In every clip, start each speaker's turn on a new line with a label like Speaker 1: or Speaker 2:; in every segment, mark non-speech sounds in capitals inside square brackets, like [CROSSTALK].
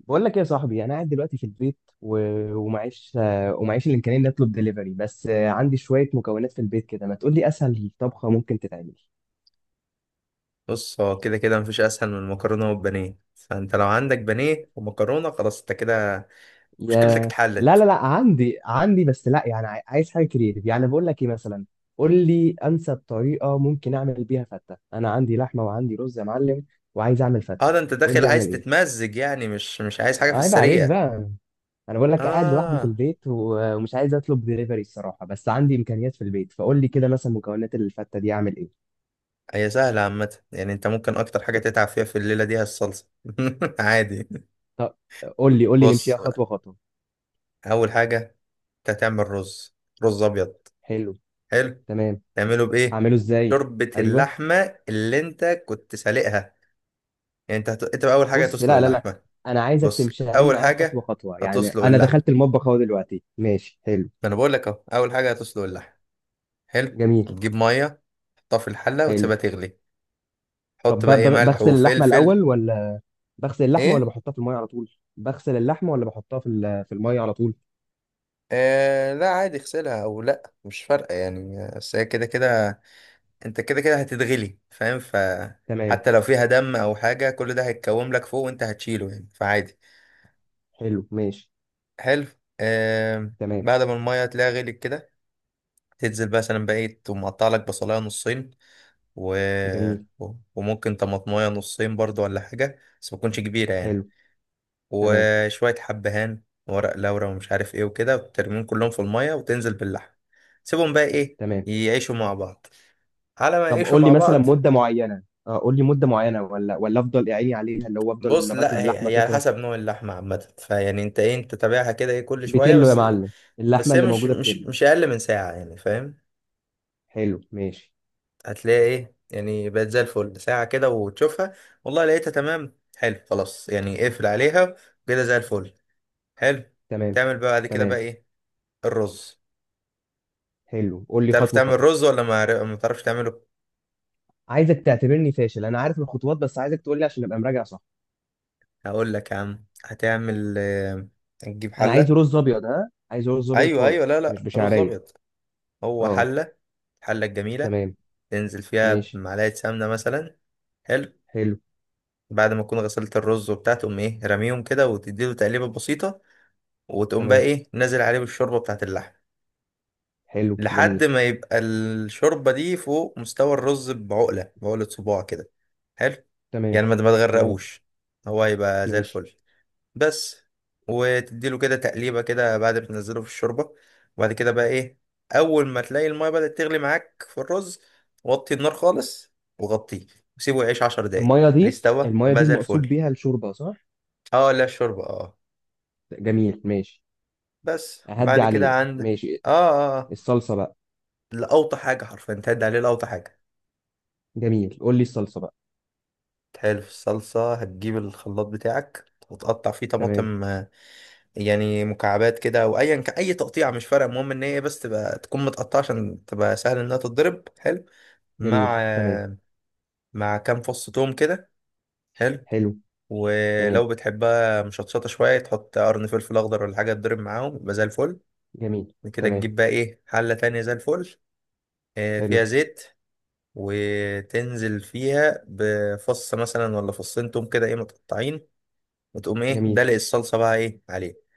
Speaker 1: بقول لك ايه يا صاحبي، انا قاعد دلوقتي في البيت ومعيش ومعيش الامكانيه اني اطلب دليفري، بس عندي شويه مكونات في البيت كده. ما تقول لي اسهل طبخه ممكن تتعمل؟
Speaker 2: بص، هو كده كده مفيش اسهل من المكرونه والبانيه. فانت لو عندك بانيه ومكرونه، خلاص انت كده مشكلتك
Speaker 1: يا، لا لا
Speaker 2: اتحلت.
Speaker 1: لا، عندي بس، لا يعني عايز حاجه كريتيف. يعني بقول لك ايه مثلا؟ قول لي انسب طريقه ممكن اعمل بيها فته. انا عندي لحمه وعندي رز يا معلم، وعايز اعمل
Speaker 2: اه،
Speaker 1: فته.
Speaker 2: ده انت
Speaker 1: قول
Speaker 2: داخل
Speaker 1: لي
Speaker 2: عايز
Speaker 1: اعمل ايه.
Speaker 2: تتمزج يعني، مش عايز حاجه في
Speaker 1: عيب عليك
Speaker 2: السريع.
Speaker 1: بقى. انا بقول لك قاعد لوحدي في
Speaker 2: اه،
Speaker 1: البيت ومش عايز اطلب دليفري الصراحه، بس عندي امكانيات في البيت. فقول لي كده مثلا مكونات الفته دي اعمل ايه؟
Speaker 2: هي سهله عامه. يعني انت ممكن اكتر حاجه تتعب فيها في الليله دي هي الصلصه. [LAUGHS] عادي.
Speaker 1: طب قول لي
Speaker 2: بص
Speaker 1: نمشيها
Speaker 2: بقى،
Speaker 1: خطوه خطوه.
Speaker 2: اول حاجه انت هتعمل رز. رز ابيض.
Speaker 1: حلو.
Speaker 2: حلو.
Speaker 1: تمام.
Speaker 2: تعمله بايه؟
Speaker 1: اعمله ازاي؟
Speaker 2: شوربه
Speaker 1: ايوه.
Speaker 2: اللحمه اللي انت كنت سالقها. يعني انت بقى اول حاجه
Speaker 1: بص،
Speaker 2: هتسلق
Speaker 1: لا لا لا،
Speaker 2: اللحمه.
Speaker 1: انا عايزك
Speaker 2: بص،
Speaker 1: تمشيها لي
Speaker 2: اول
Speaker 1: معايا خطوه
Speaker 2: حاجه
Speaker 1: خطوه. يعني
Speaker 2: هتسلق
Speaker 1: انا دخلت
Speaker 2: اللحمه.
Speaker 1: المطبخ اهو دلوقتي، ماشي حلو.
Speaker 2: ما انا بقول لك اهو، اول حاجه هتسلق اللحم. حلو.
Speaker 1: جميل.
Speaker 2: تجيب ميه، تحطها في الحله
Speaker 1: حلو.
Speaker 2: وتسيبها تغلي.
Speaker 1: طب،
Speaker 2: حط بقى ايه ملح
Speaker 1: بغسل اللحمه
Speaker 2: وفلفل.
Speaker 1: الاول ولا؟ بغسل اللحمه ولا
Speaker 2: ايه؟
Speaker 1: بحطها في الميه على طول؟ بغسل اللحمه ولا بحطها في الميه على طول؟
Speaker 2: آه، لا عادي، اغسلها او لا مش فارقه يعني. بس هي كده كده، انت كده كده هتتغلي، فاهم،
Speaker 1: تمام.
Speaker 2: حتى لو فيها دم او حاجه كل ده هيتكوم لك فوق وانت هتشيله يعني، فعادي.
Speaker 1: حلو ماشي.
Speaker 2: حلو. آه.
Speaker 1: تمام.
Speaker 2: بعد ما الميه تلاقيها غليت كده، تنزل مثلا بقى ايه، تقوم مقطع لك بصلايه نصين، و...
Speaker 1: جميل.
Speaker 2: وممكن طماطمايه نصين برضو ولا حاجه، بس ما تكونش كبيره يعني.
Speaker 1: حلو. تمام.
Speaker 2: وشوية حبهان، ورق لورا ومش عارف ايه وكده، وترميهم كلهم في المية وتنزل باللحم. سيبهم بقى ايه
Speaker 1: تمام.
Speaker 2: يعيشوا مع بعض، على ما
Speaker 1: طب
Speaker 2: يعيشوا
Speaker 1: قول لي
Speaker 2: مع
Speaker 1: مثلا
Speaker 2: بعض.
Speaker 1: مده معينه، اه، قول لي مده معينه، ولا افضل اعيني عليها، اللي هو افضل
Speaker 2: بص،
Speaker 1: لغايه ما
Speaker 2: لا، هي
Speaker 1: اللحمه
Speaker 2: هي على
Speaker 1: تطرى؟
Speaker 2: حسب نوع اللحمة عامة. فيعني انت ايه، انت تابعها كده ايه كل شوية
Speaker 1: بتلو يا
Speaker 2: بس.
Speaker 1: معلم. اللحمه
Speaker 2: بس هي
Speaker 1: اللي
Speaker 2: مش
Speaker 1: موجوده
Speaker 2: مش
Speaker 1: بتلو.
Speaker 2: مش أقل من ساعة يعني، فاهم؟
Speaker 1: حلو ماشي.
Speaker 2: هتلاقي ايه، يعني بقت زي الفل. ساعة كده وتشوفها، والله لقيتها تمام، حلو خلاص يعني اقفل عليها كده زي الفل. حلو.
Speaker 1: تمام.
Speaker 2: تعمل بقى بعد كده
Speaker 1: تمام.
Speaker 2: بقى ايه؟ الرز.
Speaker 1: حلو، قول لي
Speaker 2: تعرف
Speaker 1: خطوه
Speaker 2: تعمل
Speaker 1: خطوه.
Speaker 2: رز ولا ما تعرفش تعمله؟
Speaker 1: عايزك تعتبرني فاشل. انا عارف الخطوات بس عايزك تقول لي عشان ابقى مراجع صح.
Speaker 2: هقول لك يا عم، هتعمل هتجيب
Speaker 1: انا عايز
Speaker 2: حله.
Speaker 1: رز ابيض. ها، عايز رز ابيض
Speaker 2: ايوه، ايوه،
Speaker 1: خالص،
Speaker 2: لا،
Speaker 1: مش
Speaker 2: لا، رز
Speaker 1: بشعريه.
Speaker 2: ابيض. هو
Speaker 1: اه.
Speaker 2: حله، الحله الجميله.
Speaker 1: تمام.
Speaker 2: تنزل فيها
Speaker 1: ماشي.
Speaker 2: بمعلقه سمنه مثلا. حلو.
Speaker 1: حلو.
Speaker 2: بعد ما تكون غسلت الرز وبتاع، تقوم ايه رميهم كده وتديله تقليبه بسيطه. وتقوم بقى
Speaker 1: تمام.
Speaker 2: ايه نازل عليه بالشوربه بتاعت اللحم.
Speaker 1: حلو.
Speaker 2: لحد
Speaker 1: جميل.
Speaker 2: ما يبقى الشوربه دي فوق مستوى الرز بعقله، بعقله صباع كده. حلو.
Speaker 1: تمام.
Speaker 2: يعني ما ما
Speaker 1: تمام.
Speaker 2: تغرقوش، هو هيبقى زي
Speaker 1: ماشي.
Speaker 2: الفل بس. وتديله كده تقليبة كده بعد ما تنزله في الشوربة. وبعد كده بقى ايه، أول ما تلاقي المية بدأت تغلي معاك في الرز، وطي النار خالص وغطيه، وسيبه يعيش 10 دقايق. ليه؟ استوى
Speaker 1: الميه دي
Speaker 2: وبقى زي
Speaker 1: المقصود
Speaker 2: الفل.
Speaker 1: بيها الشوربه، صح؟
Speaker 2: اه لا، الشوربة، اه.
Speaker 1: جميل ماشي.
Speaker 2: بس
Speaker 1: اهدي
Speaker 2: بعد كده
Speaker 1: عليه
Speaker 2: عند.
Speaker 1: ماشي.
Speaker 2: اه، اه، آه.
Speaker 1: الصلصه بقى.
Speaker 2: لأوطى حاجة حرفيا، تهد عليه لأوطى حاجة.
Speaker 1: جميل، قول لي الصلصه بقى.
Speaker 2: تحلو في الصلصة، هتجيب الخلاط بتاعك وتقطع فيه
Speaker 1: تمام.
Speaker 2: طماطم. يعني مكعبات كده او اي تقطيع مش فارق، المهم ان هي بس تبقى تكون متقطعه عشان تبقى سهل انها تتضرب. حلو،
Speaker 1: جميل.
Speaker 2: مع
Speaker 1: تمام.
Speaker 2: مع كام فص توم كده. حلو.
Speaker 1: حلو. تمام.
Speaker 2: ولو بتحبها مشطشطه شويه، تحط قرن فلفل اخضر ولا حاجه تضرب معاهم، يبقى زي الفل.
Speaker 1: جميل.
Speaker 2: بعد كده
Speaker 1: تمام.
Speaker 2: تجيب بقى ايه حله تانية زي الفل،
Speaker 1: حلو.
Speaker 2: فيها زيت. وتنزل فيها بفص مثلا ولا فصين توم كده ايه متقطعين، وتقوم ايه
Speaker 1: جميل.
Speaker 2: دلق الصلصه بقى ايه عليه.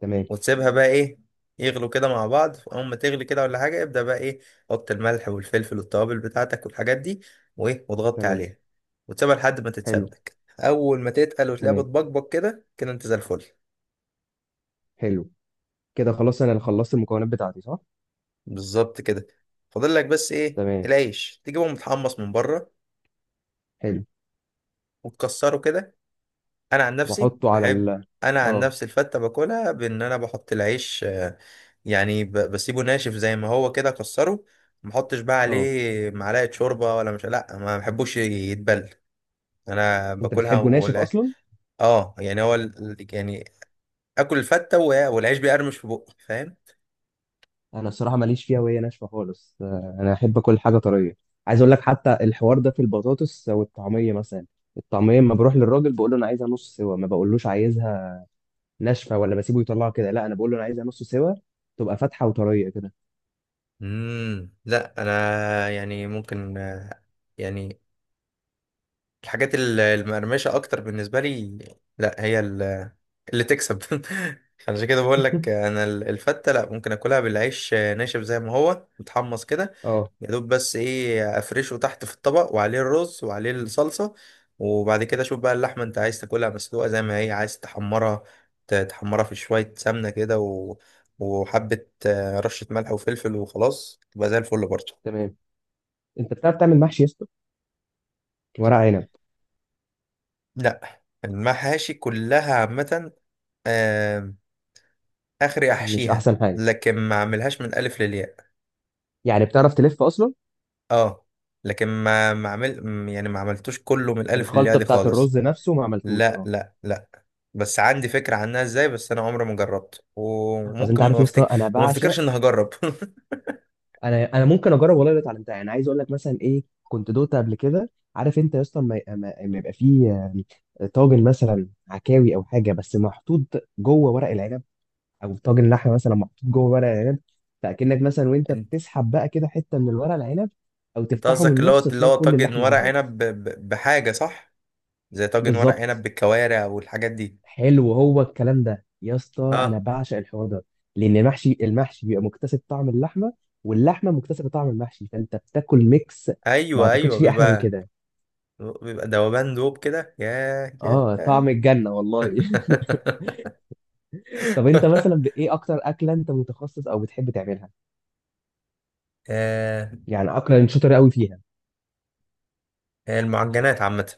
Speaker 1: تمام.
Speaker 2: وتسيبها بقى ايه يغلوا كده مع بعض. اول ما تغلي كده ولا حاجه ابدا بقى ايه، حط الملح والفلفل والتوابل بتاعتك والحاجات دي، وايه، وتغطي
Speaker 1: تمام.
Speaker 2: عليها. وتسيبها لحد ما
Speaker 1: حلو.
Speaker 2: تتسبك، اول ما تتقل وتلاقيها
Speaker 1: تمام.
Speaker 2: بتبقبق كده كده، انت زي الفل.
Speaker 1: حلو. كده خلاص، انا اللي خلصت المكونات بتاعتي صح؟
Speaker 2: بالظبط كده. فاضل لك بس ايه،
Speaker 1: تمام.
Speaker 2: العيش تجيبه متحمص من بره
Speaker 1: حلو.
Speaker 2: وتكسره كده. انا عن نفسي
Speaker 1: واحطه على
Speaker 2: بحب.
Speaker 1: ال...
Speaker 2: انا عن
Speaker 1: اه.
Speaker 2: نفسي الفته باكلها بان انا بحط العيش يعني، بسيبه ناشف زي ما هو كده اكسره. ما احطش بقى
Speaker 1: اه.
Speaker 2: عليه معلقه شوربه ولا، مش، لا، ما بحبوش يتبل. انا
Speaker 1: انت
Speaker 2: باكلها
Speaker 1: بتحبه ناشف
Speaker 2: ولا.
Speaker 1: اصلا؟
Speaker 2: اه يعني هو يعني، اكل الفته والعيش بيقرمش في بقي، فاهم؟
Speaker 1: انا الصراحه ماليش فيها وهي ناشفه خالص. انا احب كل حاجه طريه. عايز اقول لك، حتى الحوار ده في البطاطس والطعميه مثلا. الطعميه لما بروح للراجل بقول له انا عايزها نص سوا، ما بقولوش عايزها ناشفه ولا بسيبه يطلعها كده. لا، انا بقول له انا عايزها نص سوا، تبقى فاتحه وطريه كده.
Speaker 2: لا انا يعني ممكن، يعني الحاجات المقرمشه اكتر بالنسبه لي. لا هي اللي تكسب. [LAUGHS] عشان كده بقول لك
Speaker 1: [LAUGHS]
Speaker 2: انا الفته، لا ممكن اكلها بالعيش ناشف زي ما هو متحمص كده.
Speaker 1: اه.
Speaker 2: يا دوب بس ايه، افرشه تحت في الطبق وعليه الرز وعليه الصلصة. وبعد كده شوف بقى اللحمة، انت عايز تاكلها مسلوقة زي ما هي عايز تحمرها. تحمرها في شوية سمنة كده و... وحبة رشة ملح وفلفل وخلاص تبقى زي الفل برضه.
Speaker 1: تمام. انت بتعرف تعمل محشي يا اسطى؟ ورق عنب؟
Speaker 2: لا، المحاشي كلها عامة آه، اخري
Speaker 1: مش
Speaker 2: احشيها
Speaker 1: احسن حاجه؟
Speaker 2: لكن ما اعملهاش من الالف للياء.
Speaker 1: يعني بتعرف تلف اصلا؟
Speaker 2: اه لكن ما ما عمل م- يعني ما عملتوش كله من الالف للياء
Speaker 1: الخلطه
Speaker 2: دي
Speaker 1: بتاعت
Speaker 2: خالص.
Speaker 1: الرز نفسه ما عملتوش،
Speaker 2: لا،
Speaker 1: اه.
Speaker 2: لا، لا، بس عندي فكرة عنها ازاي. بس انا عمري ما جربت،
Speaker 1: اصل انت
Speaker 2: وممكن
Speaker 1: عارف
Speaker 2: ما
Speaker 1: يا اسطى،
Speaker 2: افتكر
Speaker 1: انا
Speaker 2: وما
Speaker 1: بعشق.
Speaker 2: افتكرش اني هجرب. [LAUGHS]
Speaker 1: انا ممكن اجرب والله. اللي اتعلمتها يعني، عايز اقول لك مثلا ايه كنت دوت قبل كده. عارف انت يا اسطى، لما لما يبقى فيه طاجن مثلا عكاوي او حاجه، بس محطوط جوه ورق العنب. او طاجن لحمه مثلا محطوط جوه ورق العنب. فاكنك مثلا وانت
Speaker 2: انت
Speaker 1: بتسحب بقى كده حته من الورق العنب، او
Speaker 2: أنت
Speaker 1: تفتحه من
Speaker 2: قصدك اللي هو
Speaker 1: النص
Speaker 2: اللي
Speaker 1: تلاقي
Speaker 2: هو
Speaker 1: كل
Speaker 2: طاجن
Speaker 1: اللحمه
Speaker 2: ورق
Speaker 1: ظهرت.
Speaker 2: عنب بحاجة، صح؟ زي طاجن ورق عنب
Speaker 1: بالظبط.
Speaker 2: بالكوارع والحاجات دي.
Speaker 1: حلو هو الكلام ده يا اسطى، انا
Speaker 2: اه،
Speaker 1: بعشق الحوار ده. لان المحشي بيبقى مكتسب طعم اللحمه، واللحمه مكتسبه طعم المحشي، فانت بتاكل ميكس. ما
Speaker 2: ايوه،
Speaker 1: اعتقدش
Speaker 2: ايوه،
Speaker 1: فيه احلى من
Speaker 2: بيبقى
Speaker 1: كده.
Speaker 2: بيبقى دوبان دوب كده. ياه،
Speaker 1: اه،
Speaker 2: ياه.
Speaker 1: طعم الجنه والله. [LAUGHS] طب انت مثلا ايه اكتر اكله انت متخصص او بتحب تعملها؟
Speaker 2: [LAUGHS]
Speaker 1: يعني اكله انت شاطر قوي فيها.
Speaker 2: ياه، المعجنات عامة.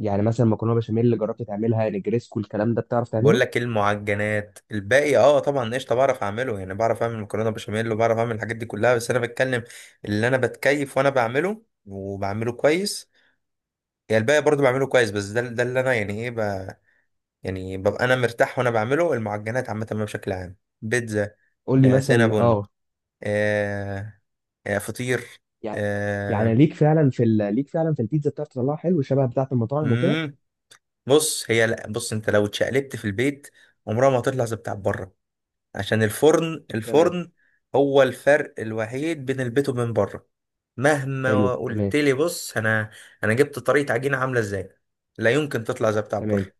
Speaker 1: يعني مثلا مكرونه بشاميل، اللي جربت تعملها نجريسكو الكلام ده، بتعرف
Speaker 2: بقول
Speaker 1: تعمله؟
Speaker 2: لك إيه، المعجنات الباقي، اه طبعا قشطه بعرف اعمله. يعني بعرف اعمل مكرونه بشاميل وبعرف اعمل الحاجات دي كلها، بس انا بتكلم اللي انا بتكيف وانا بعمله وبعمله كويس. يعني الباقي برضو بعمله كويس، بس ده اللي انا يعني ايه، ب... يعني ببقى انا مرتاح وانا بعمله. المعجنات عامه بقى بشكل عام. بيتزا،
Speaker 1: قول لي مثلا،
Speaker 2: سينابون،
Speaker 1: اه.
Speaker 2: آه فطير،
Speaker 1: يعني يعني
Speaker 2: آه
Speaker 1: ليك فعلا في البيتزا بتعرف تطلعها حلو شبه بتاعه المطاعم وكده؟
Speaker 2: مم. بص، هي لا. بص انت لو اتشقلبت في البيت، عمرها ما هتطلع زي بتاع بره. عشان الفرن،
Speaker 1: تمام.
Speaker 2: الفرن هو الفرق الوحيد بين البيت وبين بره.
Speaker 1: حلو.
Speaker 2: مهما
Speaker 1: تمام.
Speaker 2: قلت لي بص، انا جبت طريقة عجينة عاملة ازاي، لا يمكن تطلع زي بتاع بره.
Speaker 1: تمام.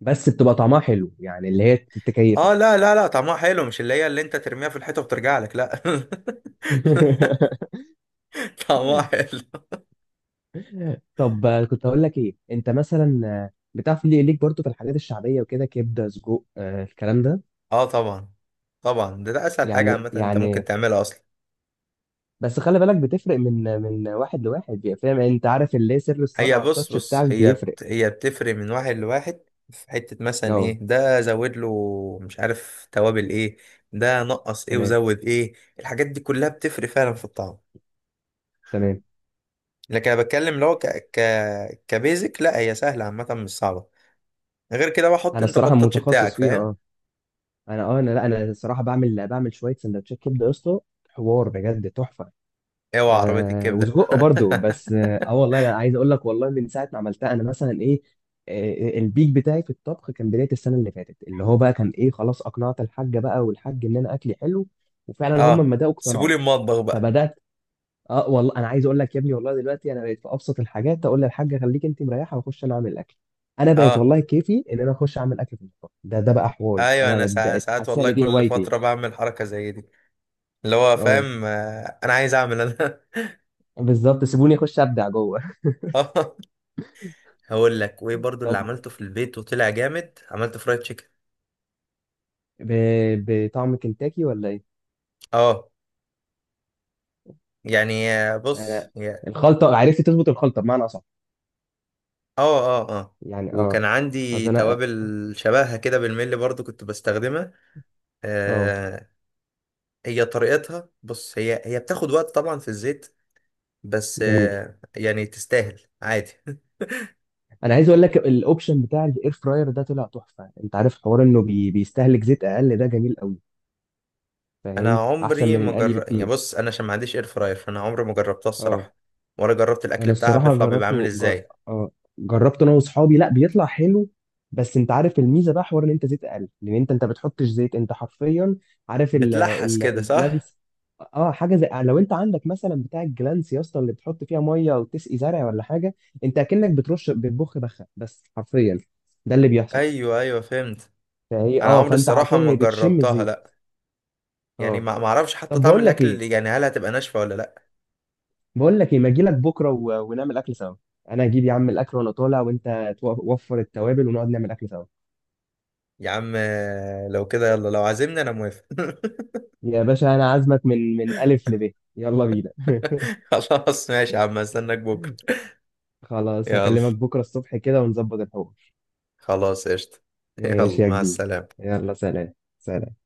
Speaker 1: بس بتبقى طعمها حلو يعني، اللي هي تكيفك.
Speaker 2: اه، لا، لا، لا، طعمها حلو، مش اللي انت ترميها في الحيطة وترجع لك، لا. [LAUGHS] طعمها
Speaker 1: [LAUGHS]
Speaker 2: حلو.
Speaker 1: طب كنت هقول لك ايه. انت مثلا بتعرف ليه ليك برضو في الحاجات الشعبيه وكده، كبده، سجق، الكلام ده.
Speaker 2: اه، طبعا، طبعا، ده اسهل حاجة عامة انت ممكن
Speaker 1: يعني
Speaker 2: تعملها اصلا.
Speaker 1: بس خلي بالك بتفرق من واحد لواحد، يعني فاهم؟ يعني انت عارف اللي هي سر
Speaker 2: هي
Speaker 1: الصنعه،
Speaker 2: بص
Speaker 1: التاتش
Speaker 2: بص،
Speaker 1: بتاعك بيفرق.
Speaker 2: هي بتفرق من واحد لواحد. في حتة مثلا
Speaker 1: اه.
Speaker 2: ايه، ده زود له مش عارف توابل ايه، ده نقص ايه
Speaker 1: تمام.
Speaker 2: وزود ايه. الحاجات دي كلها بتفرق فعلا في الطعم.
Speaker 1: تمام.
Speaker 2: لكن انا بتكلم لو ك... كبيزك، لا هي سهلة عامة مش صعبة. غير كده بقى حط
Speaker 1: انا
Speaker 2: انت
Speaker 1: الصراحه
Speaker 2: بطاتش بتاعك،
Speaker 1: متخصص فيها،
Speaker 2: فاهم؟
Speaker 1: اه. انا، اه، انا، لا، انا الصراحه بعمل شويه سندوتشات كبده يا اسطى، حوار بجد تحفه.
Speaker 2: اوعى عربية الكبدة.
Speaker 1: وسجق برضو،
Speaker 2: [LAUGHS]
Speaker 1: بس والله انا عايز اقول لك، والله من ساعه ما عملتها انا مثلا ايه. البيك بتاعي في الطبخ كان بدايه السنه اللي فاتت، اللي هو بقى كان ايه خلاص اقنعت الحاجه بقى والحاج ان انا اكلي حلو. وفعلا هم
Speaker 2: اه،
Speaker 1: لما بداوا اقتنعوا.
Speaker 2: سيبولي المطبخ بقى.
Speaker 1: فبدات. اه والله، انا عايز اقول لك يا ابني، والله دلوقتي انا بقيت في ابسط الحاجات اقول للحاجه خليك انت مريحه واخش انا اعمل الاكل. انا بقيت
Speaker 2: اه،
Speaker 1: والله كيفي ان انا اخش اعمل اكل في المطبخ ده. ده بقى حواري،
Speaker 2: ايوه، انا
Speaker 1: انا
Speaker 2: ساعات,
Speaker 1: بقيت
Speaker 2: ساعات
Speaker 1: حاسس
Speaker 2: والله
Speaker 1: ان دي
Speaker 2: كل
Speaker 1: هوايتي.
Speaker 2: فترة بعمل حركة زي دي. اللي هو،
Speaker 1: اه،
Speaker 2: فاهم، انا عايز اعمل انا.
Speaker 1: بالظبط، سيبوني اخش ابدع جوه.
Speaker 2: [LAUGHS] هقول لك وايه
Speaker 1: [LAUGHS]
Speaker 2: برضو اللي
Speaker 1: طب،
Speaker 2: عملته في البيت وطلع جامد، عملته فرايد تشيكن.
Speaker 1: ب... بطعم كنتاكي ولا ايه؟
Speaker 2: اه، يعني بص
Speaker 1: أنا. الخلطة، عرفت تظبط الخلطة بمعنى أصح؟
Speaker 2: اه، اه، اه،
Speaker 1: يعني، اه.
Speaker 2: وكان عندي
Speaker 1: أصل أنا.
Speaker 2: توابل شبهها كده بالملي برضو كنت بستخدمها
Speaker 1: اه.
Speaker 2: آه هي طريقتها بص، هي هي بتاخد وقت طبعا في الزيت. بس
Speaker 1: جميل.
Speaker 2: يعني تستاهل عادي. [LAUGHS]
Speaker 1: أنا عايز أقول لك الأوبشن بتاع الإير فراير ده طلع تحفة. أنت عارف حوار إنه بيستهلك زيت أقل، ده جميل قوي.
Speaker 2: انا
Speaker 1: فاهم؟ أحسن
Speaker 2: عمري
Speaker 1: من
Speaker 2: ما
Speaker 1: القلي
Speaker 2: جر... يعني
Speaker 1: بكتير.
Speaker 2: بص، انا عشان ما عنديش اير فراير فانا عمري ما جربتها
Speaker 1: اه،
Speaker 2: الصراحة. ولا جربت الاكل
Speaker 1: انا
Speaker 2: بتاعها
Speaker 1: الصراحه
Speaker 2: بيطلع بيبقى عامل
Speaker 1: جربته.
Speaker 2: ازاي.
Speaker 1: آه، جربت انا واصحابي. لا، بيطلع حلو. بس انت عارف الميزه بقى، حوار ان انت زيت اقل، لان انت بتحطش زيت، انت حرفيا عارف
Speaker 2: بتلحس كده، صح؟
Speaker 1: الجلانس؟ اه، حاجه زي لو انت عندك مثلا بتاع الجلانس يا اسطى، اللي بتحط فيها ميه وتسقي زرع ولا حاجه، انت اكنك بترش، بتبخ بخه بس حرفيا، ده اللي بيحصل.
Speaker 2: ايوه، ايوه، فهمت.
Speaker 1: فهي
Speaker 2: انا
Speaker 1: اه
Speaker 2: عمري
Speaker 1: فانت
Speaker 2: الصراحه
Speaker 1: حرفيا،
Speaker 2: ما
Speaker 1: هي بتشم
Speaker 2: جربتها،
Speaker 1: الزيت.
Speaker 2: لا. يعني
Speaker 1: اه،
Speaker 2: ما ما اعرفش حتى
Speaker 1: طب
Speaker 2: طعم
Speaker 1: بقول لك
Speaker 2: الاكل
Speaker 1: ايه.
Speaker 2: اللي يعني، هل هتبقى ناشفه ولا لا.
Speaker 1: بقول لك ايه، ما اجي لك بكره ونعمل اكل سوا. انا اجيب يا عم الاكل وانا طالع، وانت وفر التوابل ونقعد نعمل اكل سوا.
Speaker 2: يا عم لو كده يلا، لو عازمني انا موافق.
Speaker 1: يا باشا، انا عازمك من الف لب، يلا بينا.
Speaker 2: [LAUGHS] خلاص ماشي يا عم، استناك بكره.
Speaker 1: [LAUGHS] خلاص،
Speaker 2: يلا،
Speaker 1: هكلمك بكره الصبح كده ونظبط الحوار.
Speaker 2: خلاص، قشطه. [LAUGHS]
Speaker 1: ماشي
Speaker 2: يلا،
Speaker 1: يا
Speaker 2: مع
Speaker 1: جديد.
Speaker 2: السلامه.
Speaker 1: يلا، سلام سلام.